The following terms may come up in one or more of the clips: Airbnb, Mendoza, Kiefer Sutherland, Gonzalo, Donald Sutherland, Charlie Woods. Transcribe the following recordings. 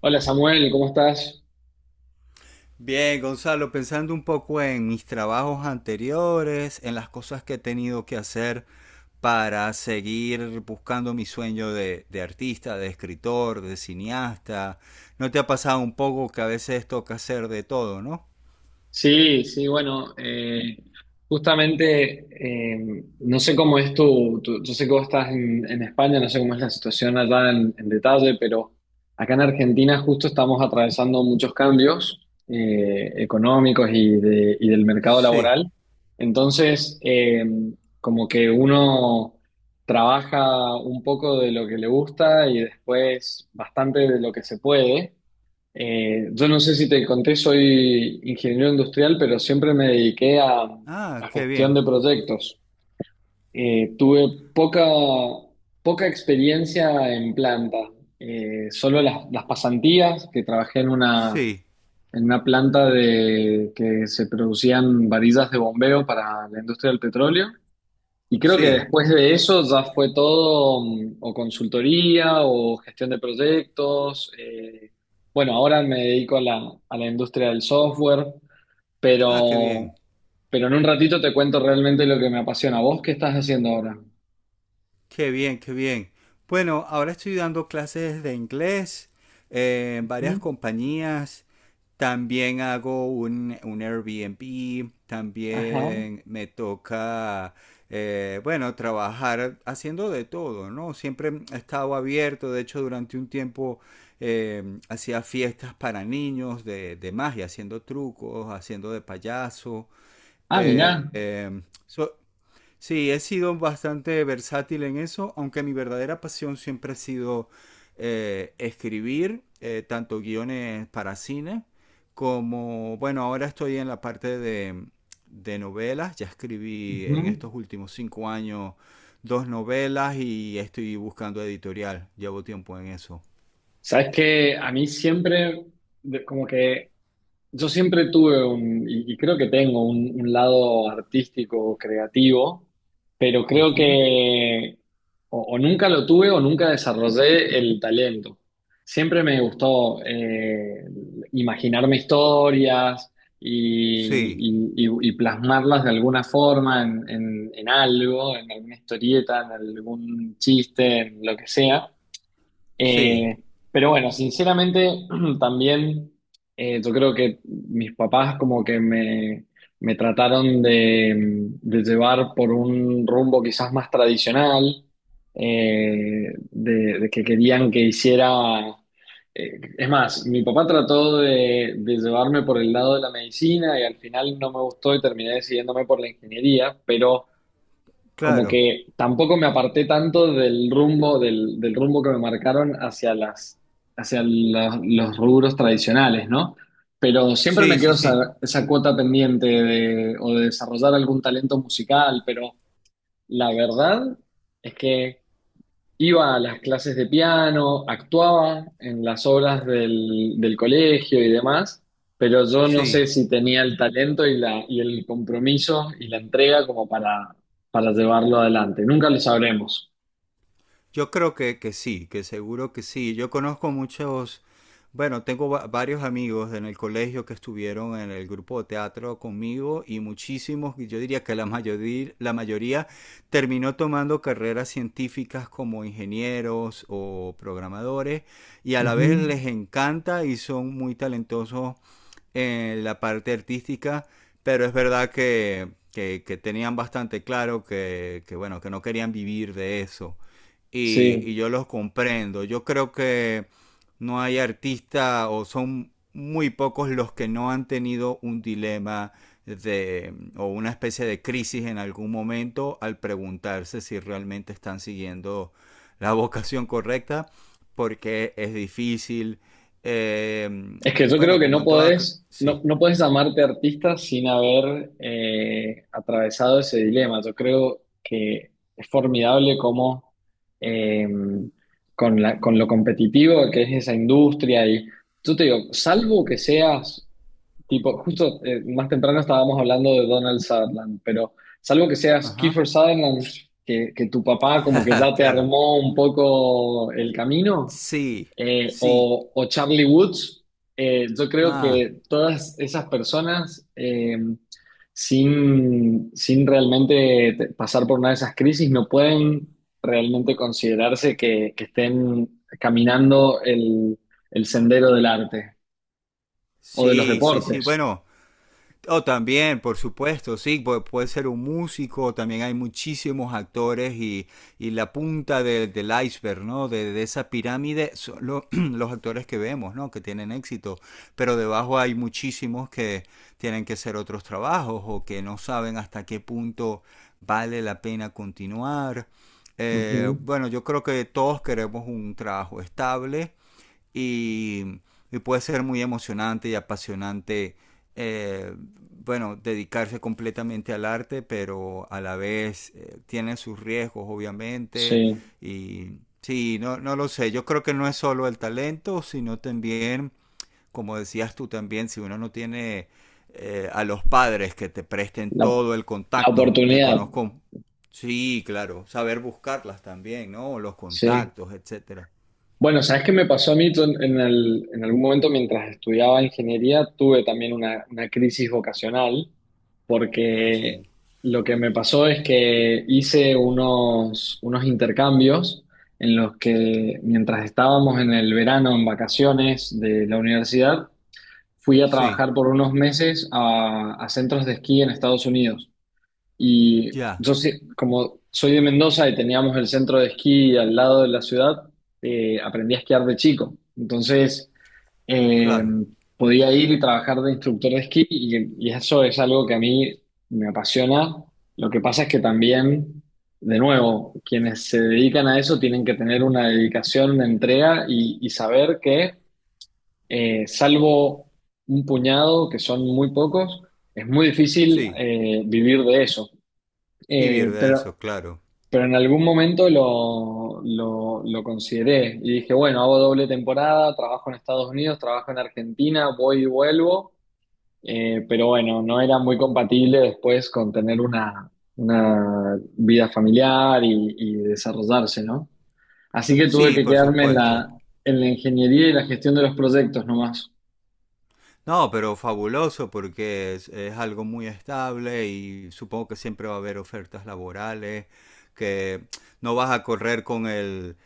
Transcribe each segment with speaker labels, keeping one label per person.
Speaker 1: Hola Samuel, ¿cómo estás?
Speaker 2: Bien, Gonzalo, pensando un poco en mis trabajos anteriores, en las cosas que he tenido que hacer para seguir buscando mi sueño de artista, de escritor, de cineasta. ¿No te ha pasado un poco que a veces toca hacer de todo, no?
Speaker 1: Sí, sí, bueno, justamente no sé cómo es yo sé que vos estás en España, no sé cómo es la situación allá en detalle, pero acá en Argentina justo estamos atravesando muchos cambios económicos y del mercado
Speaker 2: Sí.
Speaker 1: laboral. Entonces, como que uno trabaja un poco de lo que le gusta y después bastante de lo que se puede. Yo no sé si te conté, soy ingeniero industrial, pero siempre me dediqué
Speaker 2: Ah,
Speaker 1: a
Speaker 2: qué
Speaker 1: gestión
Speaker 2: bien.
Speaker 1: de proyectos. Tuve poca experiencia en planta. Solo las pasantías, que trabajé
Speaker 2: Sí,
Speaker 1: en una planta que se producían varillas de bombeo para la industria del petróleo. Y creo que
Speaker 2: sí.
Speaker 1: después de eso ya fue todo o consultoría o gestión de proyectos. Bueno, ahora me dedico a la industria del software,
Speaker 2: Ah, qué
Speaker 1: pero,
Speaker 2: bien.
Speaker 1: pero en un ratito te cuento realmente lo que me apasiona. ¿Vos qué estás haciendo ahora?
Speaker 2: Qué bien, qué bien. Bueno, ahora estoy dando clases de inglés en varias
Speaker 1: Ujú.
Speaker 2: compañías. También hago un Airbnb.
Speaker 1: Ajá.
Speaker 2: También me toca, bueno, trabajar haciendo de todo, ¿no? Siempre he estado abierto. De hecho, durante un tiempo hacía fiestas para niños de magia, haciendo trucos, haciendo de payaso.
Speaker 1: Ah, mirá.
Speaker 2: Eh, eh, so- Sí, he sido bastante versátil en eso, aunque mi verdadera pasión siempre ha sido escribir, tanto guiones para cine, como, bueno, ahora estoy en la parte de novelas, ya escribí en
Speaker 1: Ujú.
Speaker 2: estos últimos cinco años dos novelas y estoy buscando editorial, llevo tiempo en eso.
Speaker 1: Sabes que a mí siempre, de- como que yo siempre tuve y creo que tengo un lado artístico, creativo, pero creo
Speaker 2: Ujú.
Speaker 1: que o nunca lo tuve o nunca desarrollé el talento. Siempre me gustó imaginarme historias y,
Speaker 2: Sí,
Speaker 1: y plasmarlas de alguna forma en algo, en alguna historieta, en algún chiste, en lo que sea.
Speaker 2: sí,
Speaker 1: Eh, pero bueno, sinceramente también yo creo que mis papás como que me trataron de llevar por un rumbo quizás más tradicional, de que querían que hiciera... es más, mi papá trató de llevarme por el lado de la medicina y al final no me gustó y terminé decidiéndome por la ingeniería, pero como
Speaker 2: claro,
Speaker 1: que tampoco me aparté tanto del rumbo, del rumbo que me marcaron hacia los rubros tradicionales, ¿no? Pero siempre me
Speaker 2: sí,
Speaker 1: quedó
Speaker 2: sí, sí,
Speaker 1: esa, esa cuota pendiente de, o de desarrollar algún talento musical, pero la verdad es que iba a las clases de piano, actuaba en las obras del colegio y demás, pero yo no sé
Speaker 2: sí.
Speaker 1: si tenía el talento y el compromiso y la entrega como para llevarlo adelante. Nunca lo sabremos.
Speaker 2: Yo creo que sí, que seguro que sí. Yo conozco muchos, bueno, tengo varios amigos en el colegio que estuvieron en el grupo de teatro conmigo y muchísimos, y yo diría que la mayoría terminó tomando carreras científicas como ingenieros o programadores y a la vez
Speaker 1: Ujú.
Speaker 2: les encanta y son muy talentosos en la parte artística, pero es verdad que tenían bastante claro que, bueno, que no querían vivir de eso. Y
Speaker 1: Sí.
Speaker 2: yo los comprendo. Yo creo que no hay artista o son muy pocos los que no han tenido un dilema de, o una especie de crisis en algún momento al preguntarse si realmente están siguiendo la vocación correcta, porque es difícil,
Speaker 1: Es que yo creo
Speaker 2: Bueno,
Speaker 1: que
Speaker 2: como
Speaker 1: no
Speaker 2: en toda...
Speaker 1: podés, no,
Speaker 2: Sí.
Speaker 1: no podés llamarte artista sin haber atravesado ese dilema. Yo creo que es formidable cómo eh, con lo competitivo que es esa industria y yo te digo, salvo que seas tipo, justo más temprano estábamos hablando de Donald Sutherland, pero salvo que seas
Speaker 2: Ajá.
Speaker 1: Kiefer Sutherland, que tu papá como que ya te
Speaker 2: claro.
Speaker 1: armó un poco el camino,
Speaker 2: Sí, sí,
Speaker 1: o Charlie Woods, yo creo
Speaker 2: ah,
Speaker 1: que todas esas personas, sin realmente pasar por una de esas crisis, no pueden realmente considerarse que estén caminando el sendero del arte o de los
Speaker 2: sí, sí, sí.
Speaker 1: deportes.
Speaker 2: Bueno, oh, también, por supuesto, sí, puede ser un músico, también hay muchísimos actores y la punta del iceberg, ¿no? De esa pirámide son los actores que vemos, ¿no? Que tienen éxito, pero debajo hay muchísimos que tienen que hacer otros trabajos o que no saben hasta qué punto vale la pena continuar.
Speaker 1: Ujú.
Speaker 2: Bueno, yo creo que todos queremos un trabajo estable y, y puede ser muy emocionante y apasionante, eh, bueno, dedicarse completamente al arte, pero a la vez tiene sus riesgos, obviamente,
Speaker 1: Sí,
Speaker 2: y sí, no, no lo sé, yo creo que no es solo el talento, sino también, como decías tú también, si uno no tiene... a los padres que te presten
Speaker 1: la,
Speaker 2: todo el
Speaker 1: la
Speaker 2: contacto que
Speaker 1: oportunidad,
Speaker 2: conozco. Sí, claro, saber buscarlas también, ¿no? Los
Speaker 1: sí.
Speaker 2: contactos, etcétera.
Speaker 1: Bueno, ¿sabes qué me pasó a mí? Yo en, en algún momento mientras estudiaba ingeniería tuve también una crisis vocacional
Speaker 2: Ah, sí.
Speaker 1: porque lo que me pasó es que hice unos, unos intercambios en los que mientras estábamos en el verano en vacaciones de la universidad, fui a
Speaker 2: Sí.
Speaker 1: trabajar por unos meses a centros de esquí en Estados Unidos. Y
Speaker 2: Ya,
Speaker 1: yo, como soy de Mendoza y teníamos el centro de esquí al lado de la ciudad, aprendí a esquiar de chico. Entonces, eh,
Speaker 2: claro.
Speaker 1: podía ir y trabajar de instructor de esquí y eso es algo que a mí me apasiona. Lo que pasa es que también, de nuevo, quienes se dedican a eso tienen que tener una dedicación, una entrega y saber que, salvo un puñado, que son muy pocos, es muy difícil
Speaker 2: Sí,
Speaker 1: vivir de eso.
Speaker 2: vivir
Speaker 1: Eh,
Speaker 2: de
Speaker 1: pero,
Speaker 2: eso, claro.
Speaker 1: pero en algún momento lo consideré y dije, bueno, hago doble temporada, trabajo en Estados Unidos, trabajo en Argentina, voy y vuelvo. Pero bueno, no era muy compatible después con tener una vida familiar y desarrollarse, ¿no? Así que tuve
Speaker 2: Sí,
Speaker 1: que
Speaker 2: por
Speaker 1: quedarme
Speaker 2: supuesto.
Speaker 1: en la ingeniería y la gestión de los proyectos nomás.
Speaker 2: No, pero fabuloso porque es algo muy estable y supongo que siempre va a haber ofertas laborales, que no vas a correr con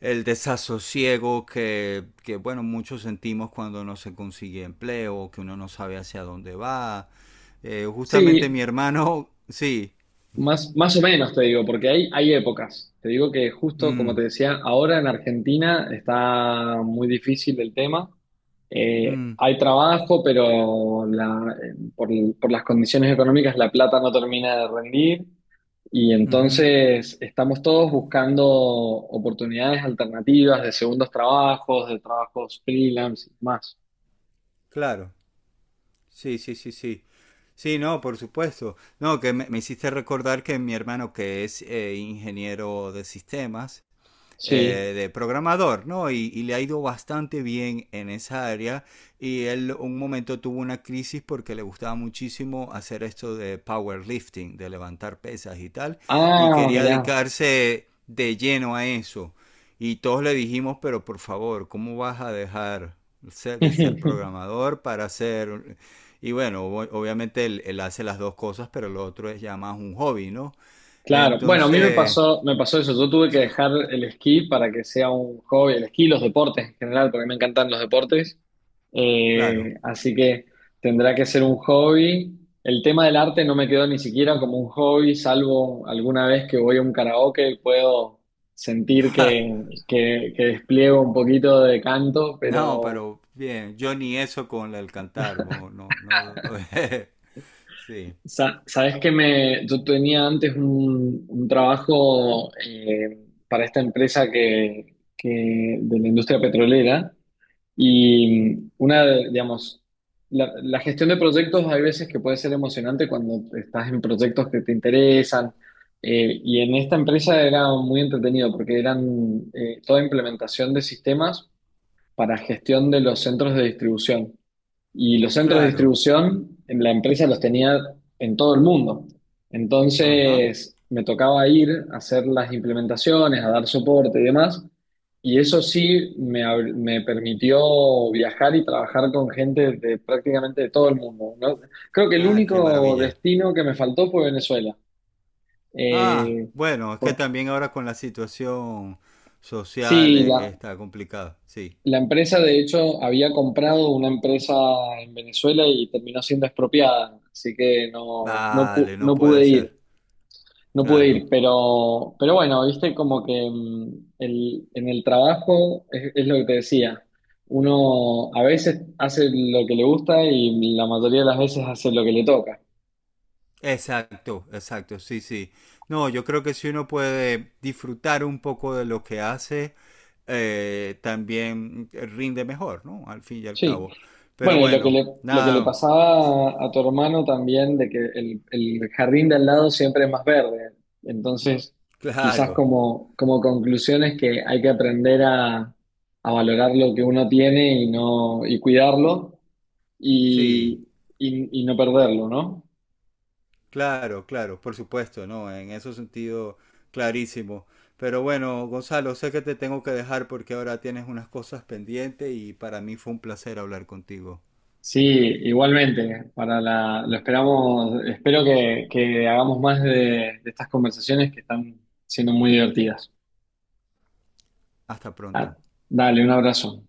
Speaker 2: el desasosiego que, bueno, muchos sentimos cuando no se consigue empleo, que uno no sabe hacia dónde va. Justamente
Speaker 1: Sí,
Speaker 2: mi hermano, sí. Ujú.
Speaker 1: más, más o menos te digo, porque hay épocas. Te digo que justo
Speaker 2: Mm,
Speaker 1: como te decía, ahora en Argentina está muy difícil el tema.
Speaker 2: mm,
Speaker 1: Hay trabajo, pero por las condiciones económicas la plata no termina de rendir y
Speaker 2: ujú.
Speaker 1: entonces estamos todos buscando oportunidades alternativas de segundos trabajos, de trabajos freelance y más.
Speaker 2: Claro. Sí, sí, sí, sí. Sí, no, por supuesto. No, que me hiciste recordar que mi hermano, que es ingeniero de sistemas,
Speaker 1: Sí.
Speaker 2: de programador, ¿no? Y, le ha ido bastante bien en esa área. Y él un momento tuvo una crisis porque le gustaba muchísimo hacer esto de powerlifting, de levantar pesas y tal. Y
Speaker 1: Ah,
Speaker 2: quería
Speaker 1: mirá.
Speaker 2: dedicarse de lleno a eso. Y todos le dijimos, pero por favor, ¿cómo vas a dejar de ser programador para ser... Y bueno, obviamente él hace las dos cosas, pero lo otro es ya más un hobby, ¿no?
Speaker 1: Claro, bueno, a mí
Speaker 2: Entonces...
Speaker 1: me pasó eso. Yo tuve que
Speaker 2: Sí,
Speaker 1: dejar el esquí para que sea un hobby, el esquí, los deportes en general, porque me encantan los deportes.
Speaker 2: claro.
Speaker 1: Así que tendrá que ser un hobby. El tema del arte no me quedó ni siquiera como un hobby, salvo alguna vez que voy a un karaoke y puedo sentir que despliego un poquito de canto,
Speaker 2: No,
Speaker 1: pero
Speaker 2: pero bien, yo ni eso con el cantar, no, no, no. Sí,
Speaker 1: sabes que me, yo tenía antes un trabajo para esta empresa de la industria petrolera y una, digamos, la gestión de proyectos hay veces que puede ser emocionante cuando estás en proyectos que te interesan y en esta empresa era muy entretenido porque eran toda implementación de sistemas para gestión de los centros de distribución. Y los centros de
Speaker 2: claro.
Speaker 1: distribución, en la empresa los tenía en todo el mundo.
Speaker 2: Ajá.
Speaker 1: Entonces, me tocaba ir a hacer las implementaciones, a dar soporte y demás. Y eso sí me, me permitió viajar y trabajar con gente de prácticamente de todo el mundo, ¿no? Creo que el
Speaker 2: Ah, qué
Speaker 1: único
Speaker 2: maravilla.
Speaker 1: destino que me faltó fue Venezuela.
Speaker 2: Ah,
Speaker 1: Eh,
Speaker 2: bueno, es que
Speaker 1: porque,
Speaker 2: también ahora con la situación social
Speaker 1: sí,
Speaker 2: está complicada, sí.
Speaker 1: la empresa, de hecho, había comprado una empresa en Venezuela y terminó siendo expropiada, así que no, no,
Speaker 2: Vale, no
Speaker 1: no
Speaker 2: puede
Speaker 1: pude ir,
Speaker 2: ser,
Speaker 1: no pude
Speaker 2: claro.
Speaker 1: ir, pero bueno, viste como que en el trabajo es lo que te decía, uno a veces hace lo que le gusta y la mayoría de las veces hace lo que le toca.
Speaker 2: Exacto, exacto, sí, sí. No, yo creo que si uno puede disfrutar un poco de lo que hace, también rinde mejor, ¿no? Al fin y al
Speaker 1: Sí.
Speaker 2: cabo. Pero
Speaker 1: Bueno, y
Speaker 2: bueno,
Speaker 1: lo que le
Speaker 2: nada,
Speaker 1: pasaba a tu hermano también, de que el jardín de al lado siempre es más verde. Entonces, quizás
Speaker 2: claro,
Speaker 1: como, como conclusión es que hay que aprender a valorar lo que uno tiene y no, y cuidarlo
Speaker 2: sí,
Speaker 1: y, y no perderlo, ¿no?
Speaker 2: claro, claro, por supuesto, ¿no? En ese sentido, clarísimo. Pero bueno, Gonzalo, sé que te tengo que dejar porque ahora tienes unas cosas pendientes y para mí fue un placer hablar contigo.
Speaker 1: Sí, igualmente, para la, lo esperamos, espero que hagamos más de estas conversaciones que están siendo muy divertidas.
Speaker 2: Hasta
Speaker 1: Ah,
Speaker 2: pronto.
Speaker 1: dale, un abrazo.